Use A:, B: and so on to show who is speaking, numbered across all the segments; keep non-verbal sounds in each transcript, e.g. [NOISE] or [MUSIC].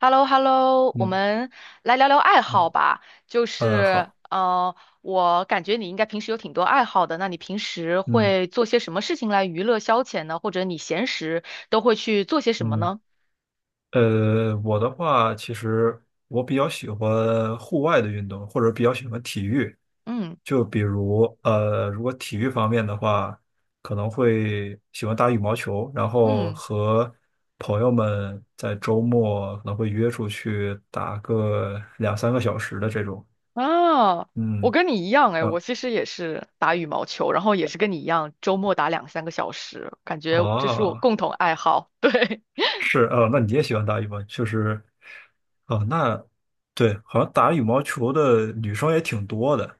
A: h e l l o h e l l o 我
B: 嗯
A: 们来聊聊爱好
B: 嗯。
A: 吧。就是，
B: 好。
A: 我感觉你应该平时有挺多爱好的。那你平时
B: 嗯
A: 会做些什么事情来娱乐消遣呢？或者你闲时都会去做些什么
B: 嗯。
A: 呢？
B: 我的话，其实我比较喜欢户外的运动，或者比较喜欢体育。
A: 嗯
B: 就比如如果体育方面的话，可能会喜欢打羽毛球，然后
A: 嗯
B: 和朋友们在周末可能会约出去打个2、3个小时的这种。
A: 啊，我
B: 嗯，
A: 跟你一样哎，
B: 然
A: 我
B: 后
A: 其实也是打羽毛球，然后也是跟你一样，周末打两三个小时，感
B: 啊。
A: 觉这是我
B: 哦，
A: 共同爱好。[LAUGHS] 对
B: 是哦，那你也喜欢打羽毛，确实。哦，那对，好像打羽毛球的女生也挺多的，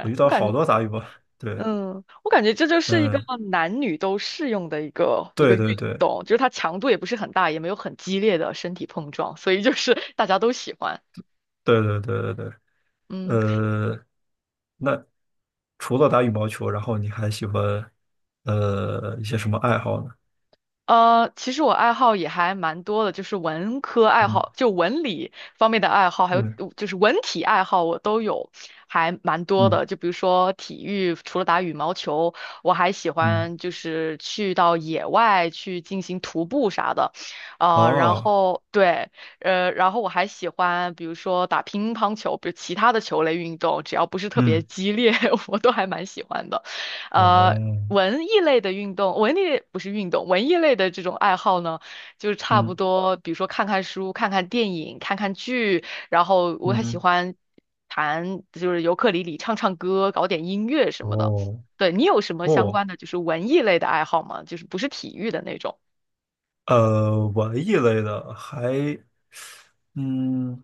B: 我遇
A: 我
B: 到
A: 感
B: 好
A: 觉。
B: 多打羽毛，对。
A: 嗯，我感觉这就是一个
B: 嗯，
A: 男女都适用的一个
B: 对对
A: 运
B: 对
A: 动，就是它强度也不是很大，也没有很激烈的身体碰撞，所以就是大家都喜欢。
B: 对对对对对。
A: 嗯。
B: 呃，那除了打羽毛球，然后你还喜欢一些什么爱好呢？
A: 其实我爱好也还蛮多的，就是文科爱
B: 嗯
A: 好，就文理方面的爱好，还有
B: 嗯
A: 就是文体爱好，我都有，还蛮多
B: 嗯
A: 的。就比如说体育，除了打羽毛球，我还喜
B: 嗯，
A: 欢就是去到野外去进行徒步啥的，然
B: 哦，
A: 后对，然后我还喜欢比如说打乒乓球，比如其他的球类运动，只要不是特别
B: 嗯
A: 激烈，[LAUGHS] 我都还蛮喜欢的。呃，
B: 哦，
A: 文艺类的运动，文艺不是运动，文艺类的这种爱好呢，就是差不
B: 嗯
A: 多，比如说看看书、看看电影、看看剧，然后我还喜
B: 嗯，
A: 欢弹，就是尤克里里、唱唱歌、搞点音乐什么的。
B: 哦
A: 对，你有什么相
B: 哦。
A: 关的就是文艺类的爱好吗？就是不是体育的那种？
B: 文艺类的还。嗯，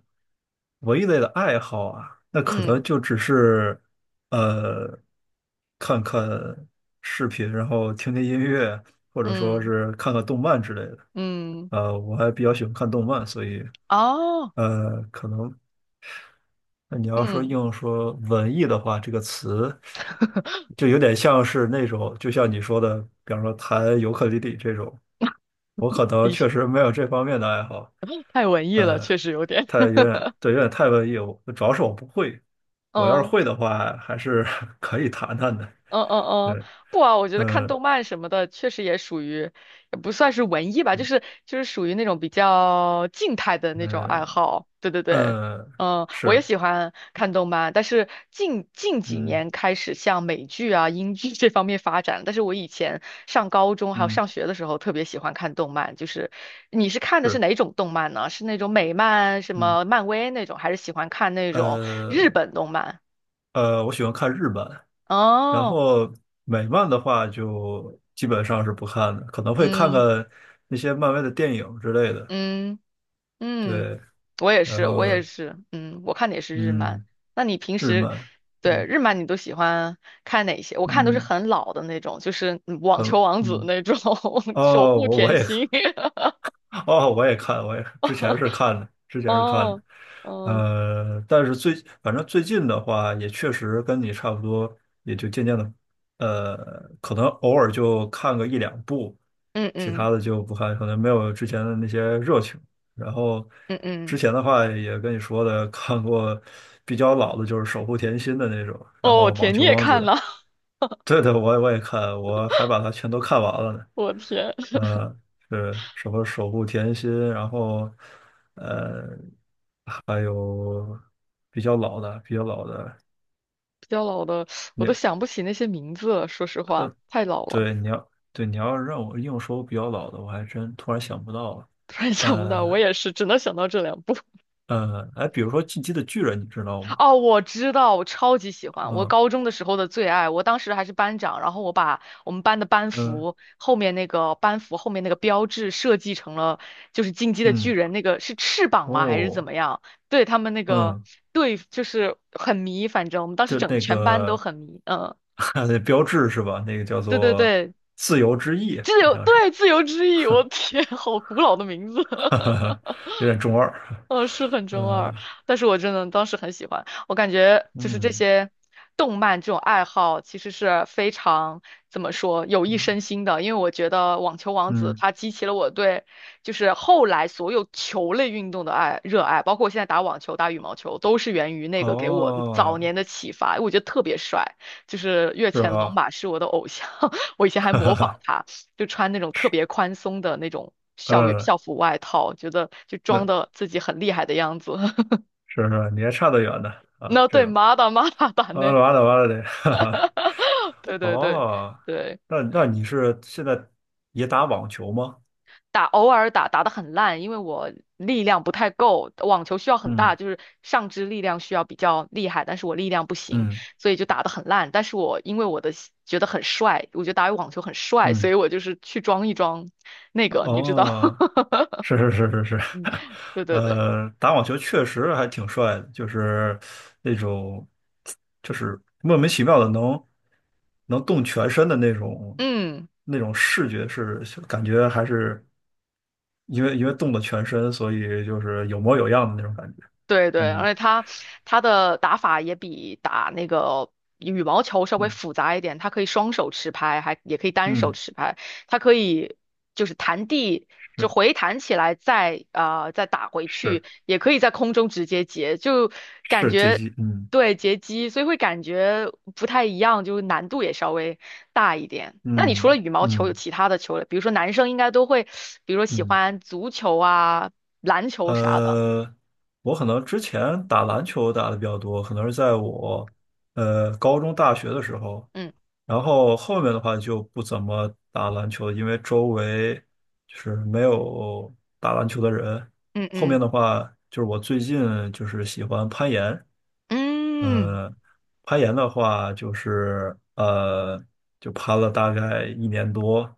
B: 文艺类的爱好啊，那可能
A: 嗯
B: 就只是呃，看看视频，然后听听音乐，或者说
A: 嗯
B: 是看看动漫之类的。
A: 嗯，
B: 我还比较喜欢看动漫，所以
A: 哦，
B: 可能那你要说
A: 嗯，
B: 硬说文艺的话，这个词就有点像是那种，就像你说的，比方说弹尤克里里这种。我可能
A: 的确
B: 确实没有这方面的爱好。
A: 太文艺了，
B: 呃，
A: 确实有点，
B: 太有点，对，有点太文艺，我主要是我不会。
A: [LAUGHS]
B: 我要是
A: 嗯。
B: 会的话，还是 [LAUGHS] 可以谈谈的。
A: 嗯嗯嗯，
B: 对。
A: 不啊，我觉得看
B: 嗯
A: 动漫什么的，确实也属于，也不算是文艺吧，就是属于那种比较静态的那种爱
B: 嗯
A: 好。对对对，
B: 嗯，
A: 嗯，我也
B: 是，
A: 喜欢看动漫，但是近几
B: 嗯
A: 年开始向美剧啊、英剧 [LAUGHS] 这方面发展。但是我以前上高中还有
B: 嗯，
A: 上学的时候，特别喜欢看动漫。就是你是看的是
B: 是。
A: 哪种动漫呢？是那种美漫、什
B: 嗯
A: 么漫威那种，还是喜欢看那种日
B: 呃
A: 本动漫？
B: 我喜欢看日漫，然
A: 哦，
B: 后美漫的话就基本上是不看的，可能会看看
A: 嗯
B: 那些漫威的电影之类的。
A: 嗯。嗯，
B: 对。
A: 我也
B: 然
A: 是，我
B: 后
A: 也是，嗯，我看的也是日漫。
B: 嗯
A: 那你平
B: 日
A: 时
B: 漫。
A: 对
B: 嗯
A: 日漫你都喜欢看哪些？我看都是
B: 嗯。
A: 很老的那种，就是嗯网
B: 很
A: 球王子
B: 嗯。
A: 那种，[LAUGHS] 守
B: 哦，
A: 护
B: 我
A: 甜
B: 也 [LAUGHS] 看。
A: 心。
B: 哦，我也看，我也之前是
A: [LAUGHS]
B: 看的，之前是看
A: 哦，
B: 的。
A: 哦，
B: 但是反正最近的话，也确实跟你差不多，也就渐渐的。呃，可能偶尔就看个1、2部，
A: 嗯
B: 其
A: 嗯
B: 他的就不看，可能没有之前的那些热情。然后
A: 嗯
B: 之
A: 嗯，
B: 前的话也跟你说的，看过比较老的，就是《守护甜心》的那种，然
A: 哦，
B: 后
A: 我
B: 《网
A: 天，你
B: 球
A: 也
B: 王子》。
A: 看了？
B: 对的，我也看，我还把它全都看完了呢。
A: [LAUGHS] 我天，
B: 嗯，是什么守护甜心，然后呃，还有比较老的，比较老的。
A: 比较老的我都
B: 你
A: 想不起那些名字了，说实话，太老了，
B: 对你要对你要让我硬说比较老的，我还真突然想不到了。
A: 突然想不到。我
B: 呃
A: 也是，只能想到这两部。
B: 哎，比如说《进击的巨人》，你知道吗？
A: 哦，我知道，我超级喜欢，我
B: 嗯
A: 高中的时候的最爱，我当时还是班长，然后我把我们班的班
B: 嗯
A: 服后面那个班服后面那个标志设计成了就是进击的巨
B: 嗯，
A: 人那个是翅膀吗还是怎
B: 哦，
A: 么样？对他们那个
B: 嗯。
A: 对就是很迷，反正我们当时
B: 就
A: 整
B: 那
A: 全班都
B: 个
A: 很迷，嗯，
B: [LAUGHS] 那标志是吧？那个叫
A: 对对
B: 做
A: 对，
B: 自由之翼，好像是。
A: 自由之翼，我天，好古老的名字，
B: [LAUGHS] 哈
A: [LAUGHS]
B: 哈，有点中二。
A: 是很中
B: 呃，
A: 二，但是我真的当时很喜欢。我感觉就是这
B: 嗯
A: 些动漫这种爱好，其实是非常怎么说有益
B: 嗯
A: 身心的。因为我觉得《网球王子》
B: 嗯。
A: 它激起了我对就是后来所有球类运动的热爱，包括我现在打网球、打羽毛球，都是源于那个给我早
B: 哦，
A: 年的启发。我觉得特别帅，就是越
B: 是
A: 前龙
B: 吧？
A: 马是我的偶像，[LAUGHS] 我以前
B: [LAUGHS]
A: 还
B: 哈
A: 模仿
B: 哈，
A: 他。就穿那种特
B: 是，
A: 别宽松的那种校园
B: 嗯，
A: 校服外套，觉得就装
B: 那
A: 的自己很厉害的样子。[LAUGHS]
B: 是是，你还差得远呢啊，
A: 那
B: 这
A: 对，
B: 种。
A: 马打马打打
B: 完
A: 呢？
B: 了完了完了得，[LAUGHS] 哈哈。
A: [LAUGHS] 对对对
B: 哦，
A: 对
B: 那那
A: 对，
B: 你是现在也打网球吗？
A: 偶尔打打的很烂，因为我力量不太够，网球需要很
B: 嗯
A: 大，就是上肢力量需要比较厉害，但是我力量不行，
B: 嗯
A: 所以就打的很烂。但是我因为我的觉得很帅，我觉得打网球很帅，所
B: 嗯，
A: 以我就是去装一装那个，你知道？
B: 哦。
A: [LAUGHS]
B: 是 [LAUGHS] 是是是是。[LAUGHS]
A: 对对对，
B: 打网球确实还挺帅的，就是那种，就是莫名其妙的能动全身的那种
A: 嗯。
B: 那种视觉是感觉还是因为动了全身，所以就是有模有样的那种感觉。
A: 对对，
B: 嗯
A: 而且它的打法也比打那个羽毛球稍微
B: 嗯
A: 复杂一点，它可以双手持拍，还也可以单手
B: 嗯，
A: 持拍，它可以就是弹地就
B: 是
A: 回弹起来再打回去，
B: 是
A: 也可以在空中直接截，就感
B: 是接
A: 觉
B: 机，嗯
A: 对截击，所以会感觉不太一样，就是难度也稍微大一点。那你除了
B: 嗯
A: 羽毛球有
B: 嗯
A: 其他的球类，比如说男生应该都会，比如说喜
B: 嗯。
A: 欢足球啊、篮球啥的，
B: 呃，我可能之前打篮球打的比较多，可能是在我高中、大学的时候，
A: 嗯
B: 然后后面的话就不怎么打篮球了，因为周围就是没有打篮球的人。
A: 嗯
B: 后面
A: 嗯。
B: 的话就是我最近就是喜欢攀岩。
A: 嗯，
B: 呃，攀岩的话就是就攀了大概1年多。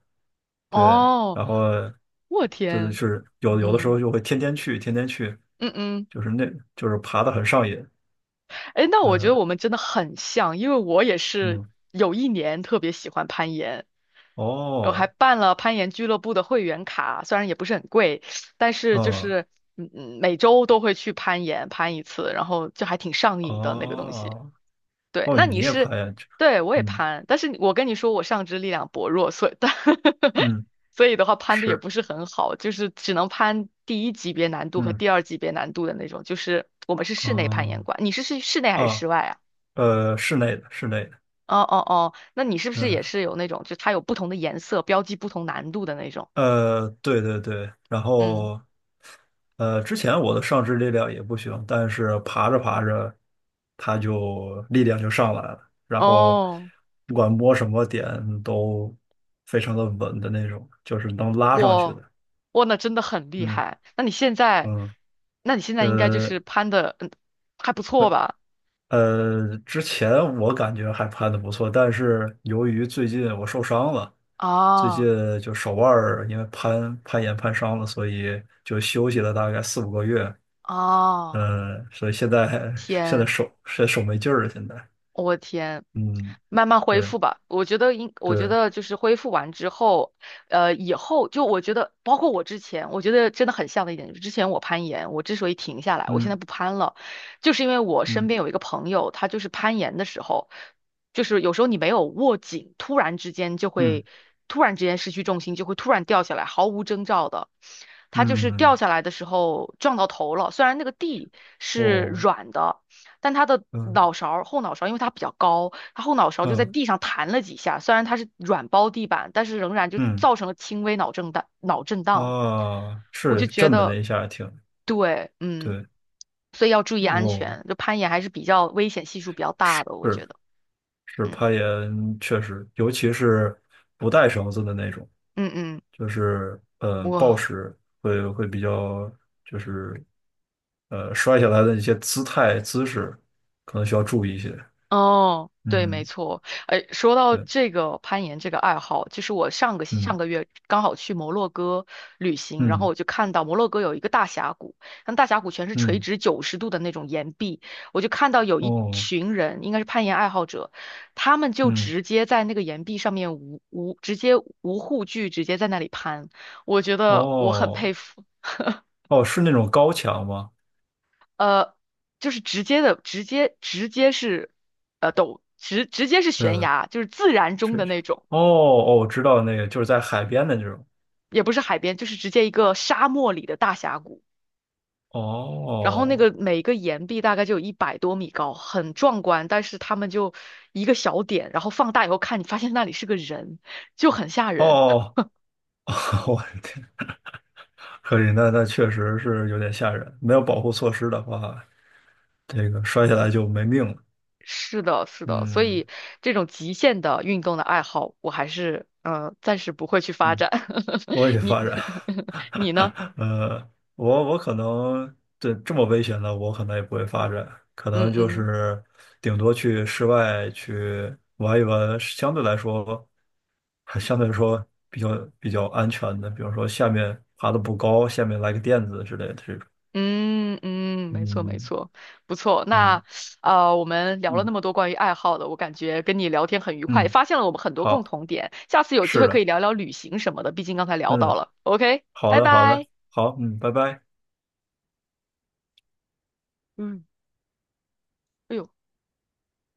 B: 对，
A: 哦，
B: 然后
A: 我
B: 就是
A: 天，
B: 有的时
A: 嗯
B: 候就会天天去，天天去，
A: 嗯嗯，
B: 就是那就是爬的很上瘾。
A: 哎，那我觉
B: 嗯
A: 得我们真的很像，因为我也是
B: 嗯，
A: 有一年特别喜欢攀岩，我还
B: 哦，
A: 办了攀岩俱乐部的会员卡，虽然也不是很贵，但是就
B: 哦
A: 是嗯嗯，每周都会去攀岩，攀一次，然后就还挺上瘾的那个东西。
B: 哦
A: 对，
B: 哦，
A: 那
B: 你
A: 你
B: 也
A: 是，
B: 爬呀？这
A: 对，我也
B: 嗯
A: 攀，但是我跟你说，我上肢力量薄弱，所以，但 [LAUGHS]
B: 嗯，
A: 所以的话，攀的也
B: 是，
A: 不是很好，就是只能攀第一级别难度和
B: 嗯，
A: 第二级别难度的那种。就是我们是室内攀岩
B: 啊
A: 馆，你是室内还是
B: 啊。
A: 室外啊？
B: 室内的室内的。
A: 哦哦哦，那你是不是也
B: 嗯。
A: 是有那种，就它有不同的颜色，标记不同难度的那种？
B: 对对对。然
A: 嗯，
B: 后之前我的上肢力量也不行，但是爬着爬着，它就力量就上来了，然后
A: 哦，
B: 不管摸什么点都非常的稳的那种，就是能拉上去
A: 我，
B: 的。
A: 那真的很厉
B: 嗯
A: 害。那你现在，
B: 嗯。
A: 那你现在应该就
B: 呃
A: 是攀的，嗯，还不错
B: 呃，
A: 吧？
B: 之前我感觉还攀的不错，但是由于最近我受伤了，最近
A: 啊。
B: 就手腕儿因为攀攀岩攀伤了，所以就休息了大概4、5个月。
A: 哦
B: 嗯，所以现在现在
A: 天，
B: 手现在手没劲儿了，现在。
A: 我天，
B: 嗯。
A: 慢慢恢
B: 对
A: 复吧。我觉
B: 对。
A: 得就是恢复完之后，以后就我觉得，包括我之前，我觉得真的很像的一点，就是之前我攀岩，我之所以停下来，我现在
B: 嗯
A: 不攀了，就是因为我身边
B: 嗯
A: 有一个朋友，他就是攀岩的时候，就是有时候你没有握紧，突然之间就
B: 嗯
A: 会，突然之间失去重心，就会突然掉下来，毫无征兆的。他就是掉
B: 嗯，
A: 下来的时候撞到头了，虽然那个地是
B: 哦，
A: 软的。但他的脑
B: 嗯
A: 勺后脑勺，因为他比较高，他后脑勺就在
B: 嗯
A: 地上弹了几下。虽然他是软包地板，但是仍然就
B: 嗯，
A: 造成了轻微脑震荡。脑震荡，
B: 啊，
A: 我就
B: 是
A: 觉
B: 震的那
A: 得，
B: 一下挺
A: 对，嗯，
B: 对。
A: 所以要注意安
B: 哦，
A: 全。就攀岩还是比较危险系数比较大的，我觉
B: 是
A: 得，
B: 是
A: 嗯
B: 攀岩确实，尤其是不带绳子的那种，
A: 嗯嗯，
B: 就是暴
A: 哇。
B: 食会会比较就是摔下来的一些姿态姿势可能需要注意一些。
A: 哦，对，没
B: 嗯。
A: 错。哎，说到
B: 对，
A: 这个攀岩这个爱好，就是我上个上
B: 嗯
A: 个月刚好去摩洛哥旅行，然后
B: 嗯
A: 我就看到摩洛哥有一个大峡谷，那大峡谷全是垂
B: 嗯，
A: 直90度的那种岩壁，我就看到有一
B: 哦，
A: 群人，应该是攀岩爱好者，他们就
B: 嗯，
A: 直接在那个岩壁上面无护具，直接在那里攀，我觉得我很
B: 哦
A: 佩服。[LAUGHS]
B: 哦，是那种高墙吗？
A: 呃，就是直接的，直接是，陡直直接是悬
B: 呃，
A: 崖，就是自然中
B: 是，
A: 的
B: 是。
A: 那种，
B: 哦哦，我知道那个，就是在海边的那种。
A: 也不是海边，就是直接一个沙漠里的大峡谷。然后那
B: 哦
A: 个每个岩壁大概就有100多米高，很壮观。但是他们就一个小点，然后放大以后看，你发现那里是个人，就很吓人。
B: 哦，[LAUGHS] 我的天，可以，那那确实是有点吓人。没有保护措施的话，这个摔下来就没命了。
A: 是的，是的，所
B: 嗯
A: 以这种极限的运动的爱好，我还是暂时不会去发
B: 嗯，
A: 展。
B: 多
A: [LAUGHS]
B: 元
A: 你
B: 发展。
A: [LAUGHS] 你呢？
B: [LAUGHS] 我可能对这么危险的，我可能也不会发展，可
A: 嗯
B: 能就
A: 嗯。
B: 是顶多去室外去玩一玩，相对来说，还相对来说比较比较安全的，比如说下面爬的不高，下面来个垫子之类的这种。
A: 嗯嗯，没错没
B: 嗯
A: 错，不错。
B: 嗯
A: 那我们聊了那
B: 嗯
A: 么多关于爱好的，我感觉跟你聊天很愉快，也
B: 嗯，
A: 发现了我们很多共
B: 好，
A: 同点。下次有机
B: 是
A: 会可以
B: 的，
A: 聊聊旅行什么的，毕竟刚才聊到
B: 嗯，
A: 了。OK，
B: 好
A: 拜
B: 的好的，
A: 拜。
B: 好，嗯，拜拜。
A: 嗯。哎呦。